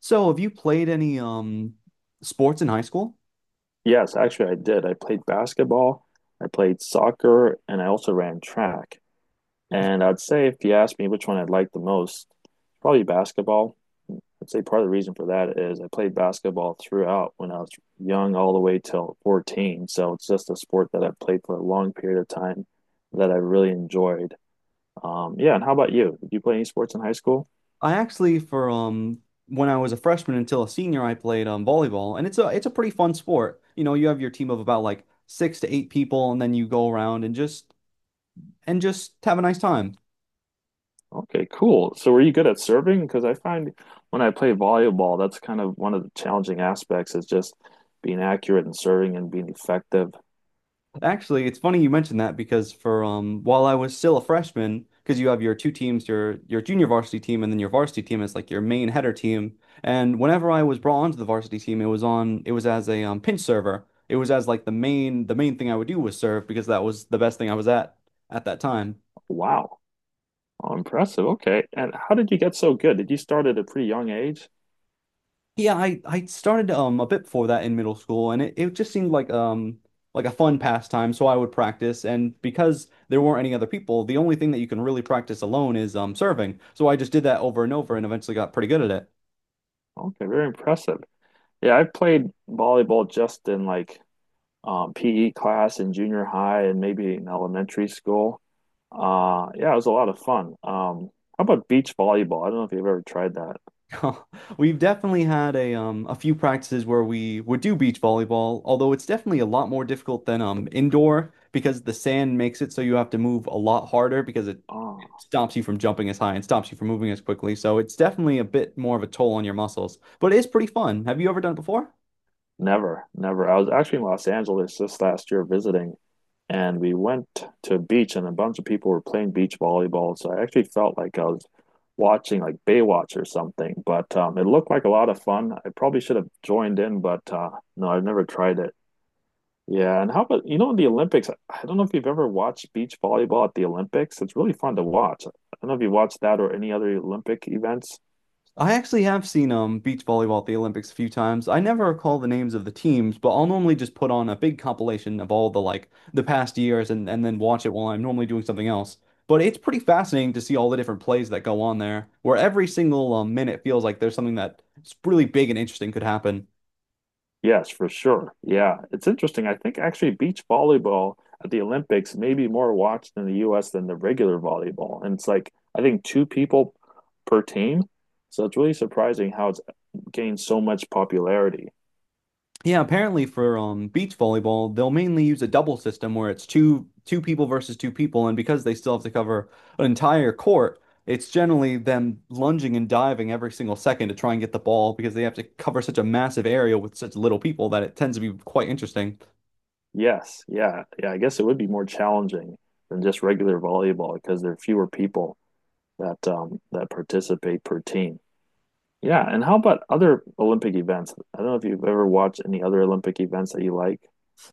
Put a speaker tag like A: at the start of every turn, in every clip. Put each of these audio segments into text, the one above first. A: So, have you played any sports in high school?
B: Yes, actually, I did. I played basketball, I played soccer, and I also ran track. And I'd say if you ask me which one I'd like the most, probably basketball. I'd say part of the reason for that is I played basketball throughout when I was young, all the way till 14. So it's just a sport that I've played for a long period of time that I really enjoyed. Yeah, and how about you? Did you play any sports in high school?
A: I actually for When I was a freshman until a senior, I played volleyball, and it's a pretty fun sport. You have your team of about like six to eight people, and then you go around and just have a nice time.
B: Okay, cool. So were you good at serving? Because I find when I play volleyball, that's kind of one of the challenging aspects is just being accurate and serving and being effective.
A: Actually, it's funny you mentioned that because for while I was still a freshman, because you have your two teams, your junior varsity team, and then your varsity team is like your main header team. And whenever I was brought onto the varsity team, it was as a pinch server. It was as like the main thing I would do was serve, because that was the best thing I was at that time.
B: Wow. Oh, impressive. Okay. And how did you get so good? Did you start at a pretty young age?
A: Yeah, I started a bit before that in middle school, and it just seemed like like a fun pastime. So I would practice, and because there weren't any other people, the only thing that you can really practice alone is serving. So I just did that over and over, and eventually got pretty good at it.
B: Okay, very impressive. Yeah, I played volleyball just in PE class in junior high and maybe in elementary school. Yeah, it was a lot of fun. How about beach volleyball? I don't know if you've ever tried that.
A: We've definitely had a few practices where we would do beach volleyball, although it's definitely a lot more difficult than indoor, because the sand makes it so you have to move a lot harder, because it
B: Ah,
A: stops you from jumping as high and stops you from moving as quickly. So it's definitely a bit more of a toll on your muscles, but it is pretty fun. Have you ever done it before?
B: Never, never. I was actually in Los Angeles just last year visiting, and we went to a beach, and a bunch of people were playing beach volleyball. So I actually felt like I was watching like Baywatch or something. But it looked like a lot of fun. I probably should have joined in, but no, I've never tried it. Yeah, and how about you know the Olympics? I don't know if you've ever watched beach volleyball at the Olympics. It's really fun to watch. I don't know if you watched that or any other Olympic events.
A: I actually have seen beach volleyball at the Olympics a few times. I never recall the names of the teams, but I'll normally just put on a big compilation of all the like the past years, and then watch it while I'm normally doing something else. But it's pretty fascinating to see all the different plays that go on there, where every single minute feels like there's something that's really big and interesting could happen.
B: Yes, for sure. Yeah, it's interesting. I think actually beach volleyball at the Olympics may be more watched in the US than the regular volleyball. And it's like, I think two people per team. So it's really surprising how it's gained so much popularity.
A: Yeah, apparently for beach volleyball, they'll mainly use a double system where it's two people versus two people, and because they still have to cover an entire court, it's generally them lunging and diving every single second to try and get the ball, because they have to cover such a massive area with such little people that it tends to be quite interesting.
B: Yes, yeah, yeah. I guess it would be more challenging than just regular volleyball because there are fewer people that participate per team. Yeah, and how about other Olympic events? I don't know if you've ever watched any other Olympic events that you like.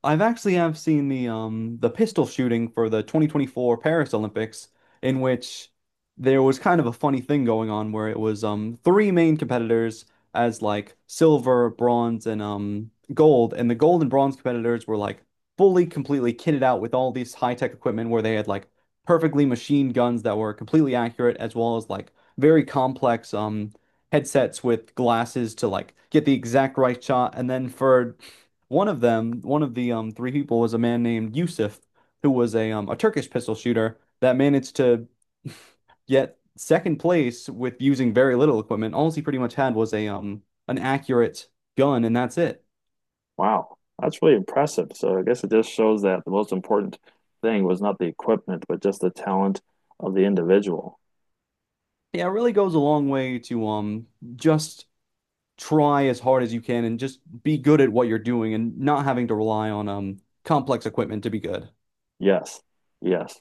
A: I've actually have seen the pistol shooting for the 2024 Paris Olympics, in which there was kind of a funny thing going on where it was three main competitors as like silver, bronze, and gold, and the gold and bronze competitors were like fully completely kitted out with all these high-tech equipment, where they had like perfectly machined guns that were completely accurate, as well as like very complex headsets with glasses to like get the exact right shot. And then for one of them, one of the three people was a man named Yusuf, who was a Turkish pistol shooter that managed to get second place with using very little equipment. All he pretty much had was a an accurate gun, and that's it.
B: Wow, that's really impressive. So I guess it just shows that the most important thing was not the equipment, but just the talent of the individual.
A: Yeah, it really goes a long way to just try as hard as you can and just be good at what you're doing and not having to rely on complex equipment to be good.
B: Yes, yes.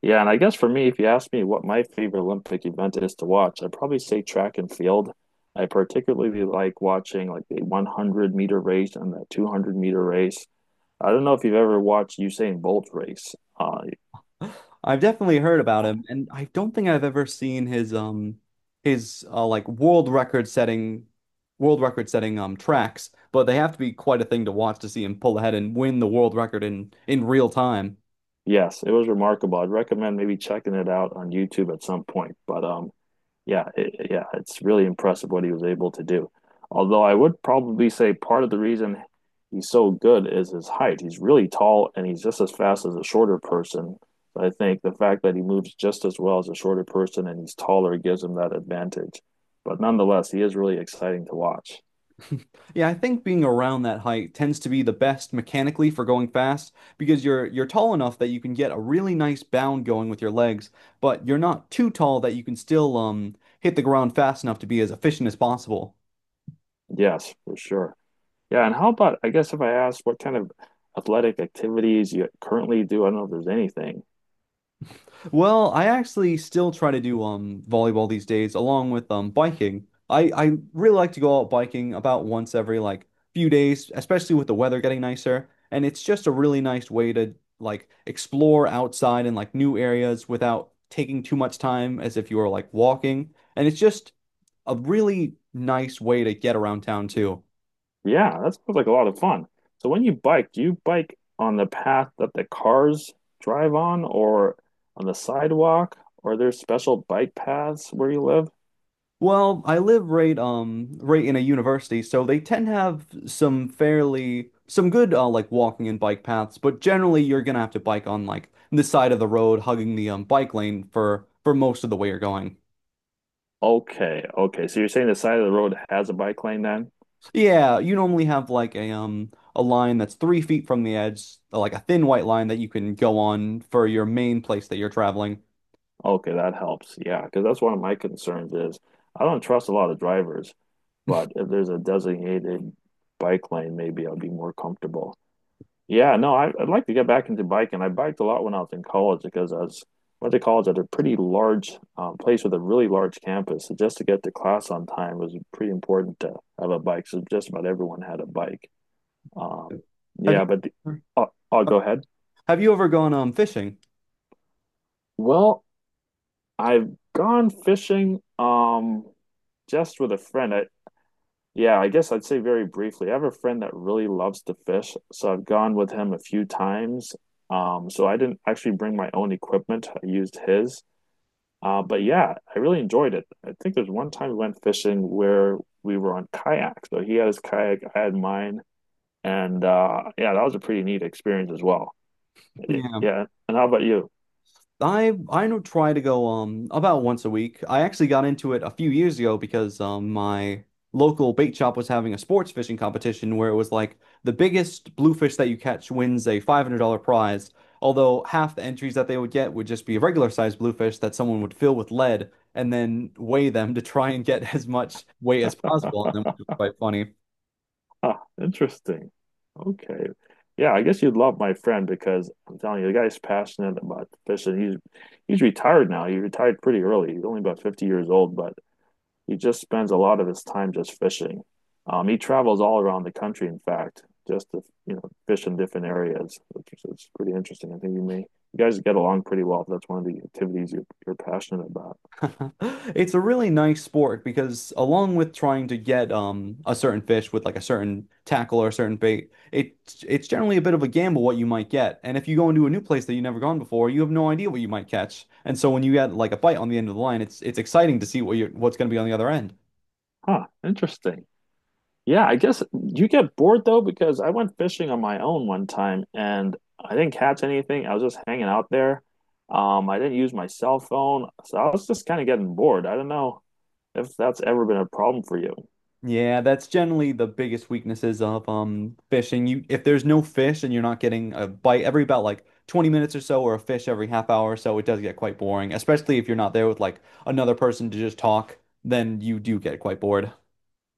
B: Yeah, and I guess for me, if you ask me what my favorite Olympic event is to watch, I'd probably say track and field. I particularly like watching like the 100-meter race and the 200-meter race. I don't know if you've ever watched Usain Bolt race. Uh,
A: I've definitely heard about him, and I don't think I've ever seen his like world record setting tracks, but they have to be quite a thing to watch, to see him pull ahead and win the world record in real time.
B: yes, it was remarkable. I'd recommend maybe checking it out on YouTube at some point. But yeah, it's really impressive what he was able to do. Although I would probably say part of the reason he's so good is his height. He's really tall and he's just as fast as a shorter person. I think the fact that he moves just as well as a shorter person and he's taller gives him that advantage. But nonetheless, he is really exciting to watch.
A: Yeah, I think being around that height tends to be the best mechanically for going fast, because you're tall enough that you can get a really nice bound going with your legs, but you're not too tall that you can still hit the ground fast enough to be as efficient as possible.
B: Yes, for sure. Yeah, and how about, I guess if I ask what kind of athletic activities you currently do, I don't know if there's anything.
A: Well, I actually still try to do volleyball these days, along with biking. I really like to go out biking about once every like few days, especially with the weather getting nicer, and it's just a really nice way to like explore outside and like new areas without taking too much time as if you were like walking. And it's just a really nice way to get around town too.
B: Yeah, that sounds like a lot of fun. So when you bike, do you bike on the path that the cars drive on or on the sidewalk? Or are there special bike paths where you live?
A: Well, I live right right in a university, so they tend to have some good like walking and bike paths, but generally you're gonna have to bike on like the side of the road, hugging the bike lane for most of the way you're going.
B: Okay, okay. So you're saying the side of the road has a bike lane then?
A: Yeah, you normally have like a line that's 3 feet from the edge, like a thin white line that you can go on for your main place that you're traveling.
B: Okay, that helps. Yeah, because that's one of my concerns is I don't trust a lot of drivers, but if there's a designated bike lane, maybe I'll be more comfortable. Yeah, no, I'd like to get back into biking. I biked a lot when I was in college because I was went to college at a pretty large place with a really large campus. So just to get to class on time was pretty important to have a bike. So just about everyone had a bike. Um,
A: Have
B: yeah,
A: you
B: but the, I'll go ahead.
A: have you ever gone fishing?
B: Well, I've gone fishing just with a friend. I yeah, I guess I'd say very briefly. I have a friend that really loves to fish, so I've gone with him a few times. So I didn't actually bring my own equipment. I used his. But yeah, I really enjoyed it. I think there's one time we went fishing where we were on kayak. So he had his kayak, I had mine, and yeah, that was a pretty neat experience as well. Yeah. And how about you?
A: I don't try to go about once a week. I actually got into it a few years ago, because my local bait shop was having a sports fishing competition where it was like the biggest bluefish that you catch wins a $500 prize. Although half the entries that they would get would just be a regular sized bluefish that someone would fill with lead and then weigh them to try and get as much weight as possible on them, which was quite funny.
B: Interesting. Okay. Yeah, I guess you'd love my friend because I'm telling you, the guy's passionate about fishing. He's retired now. He retired pretty early. He's only about 50 years old, but he just spends a lot of his time just fishing. He travels all around the country, in fact, just to, you know, fish in different areas, which is it's pretty interesting. I think you may you guys get along pretty well if that's one of the activities you're passionate about.
A: It's a really nice sport, because along with trying to get a certain fish with like a certain tackle or a certain bait, it's generally a bit of a gamble what you might get. And if you go into a new place that you've never gone before, you have no idea what you might catch. And so when you get like a bite on the end of the line, it's exciting to see what's going to be on the other end.
B: Huh, interesting. Yeah, I guess you get bored though because I went fishing on my own one time and I didn't catch anything. I was just hanging out there. I didn't use my cell phone, so I was just kind of getting bored. I don't know if that's ever been a problem for you.
A: Yeah, that's generally the biggest weaknesses of fishing. You if there's no fish and you're not getting a bite every about like 20 minutes or so, or a fish every half hour or so, it does get quite boring, especially if you're not there with like another person to just talk, then you do get quite bored.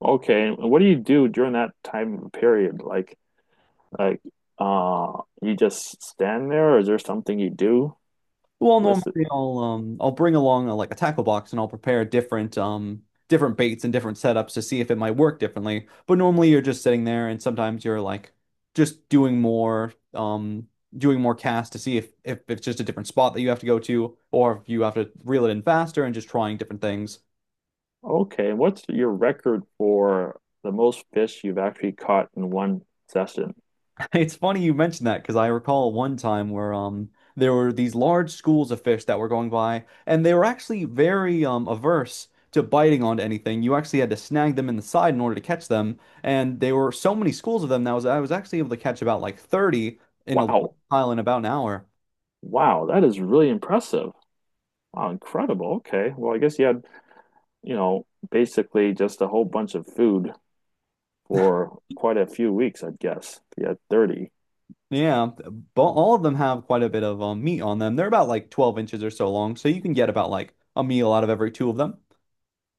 B: Okay, and what do you do during that time period? Like, you just stand there, or is there something you do?
A: Well,
B: Listen,
A: normally I'll bring along like a tackle box, and I'll prepare different baits and different setups to see if it might work differently. But normally you're just sitting there, and sometimes you're like just doing more casts to see if it's just a different spot that you have to go to, or if you have to reel it in faster, and just trying different things.
B: okay, and what's your record for the most fish you've actually caught in one session?
A: It's funny you mentioned that, because I recall one time where there were these large schools of fish that were going by, and they were actually very averse to biting onto anything. You actually had to snag them in the side in order to catch them, and there were so many schools of them that was I was actually able to catch about like 30 in a large
B: Wow.
A: pile in about an hour.
B: Wow, that is really impressive. Wow, incredible. Okay. Well, I guess you had, you know, basically just a whole bunch of food for quite a few weeks, I'd guess. If you had 30.
A: Yeah, but all of them have quite a bit of meat on them. They're about like 12 inches or so long, so you can get about like a meal out of every two of them.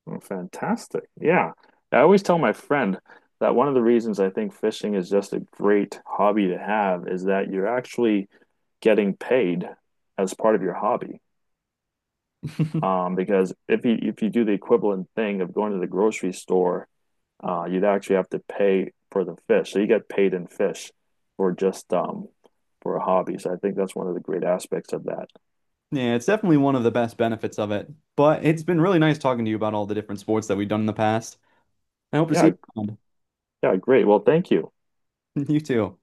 B: Oh, fantastic. Yeah. I always tell my friend that one of the reasons I think fishing is just a great hobby to have is that you're actually getting paid as part of your hobby. Because if you do the equivalent thing of going to the grocery store, uh, you'd actually have to pay for the fish. So you get paid in fish for just for a hobby. So I think that's one of the great aspects of that.
A: Yeah, it's definitely one of the best benefits of it. But it's been really nice talking to you about all the different sports that we've done in the past. I hope to see
B: Yeah,
A: you around.
B: yeah, great. Well, thank you.
A: You too.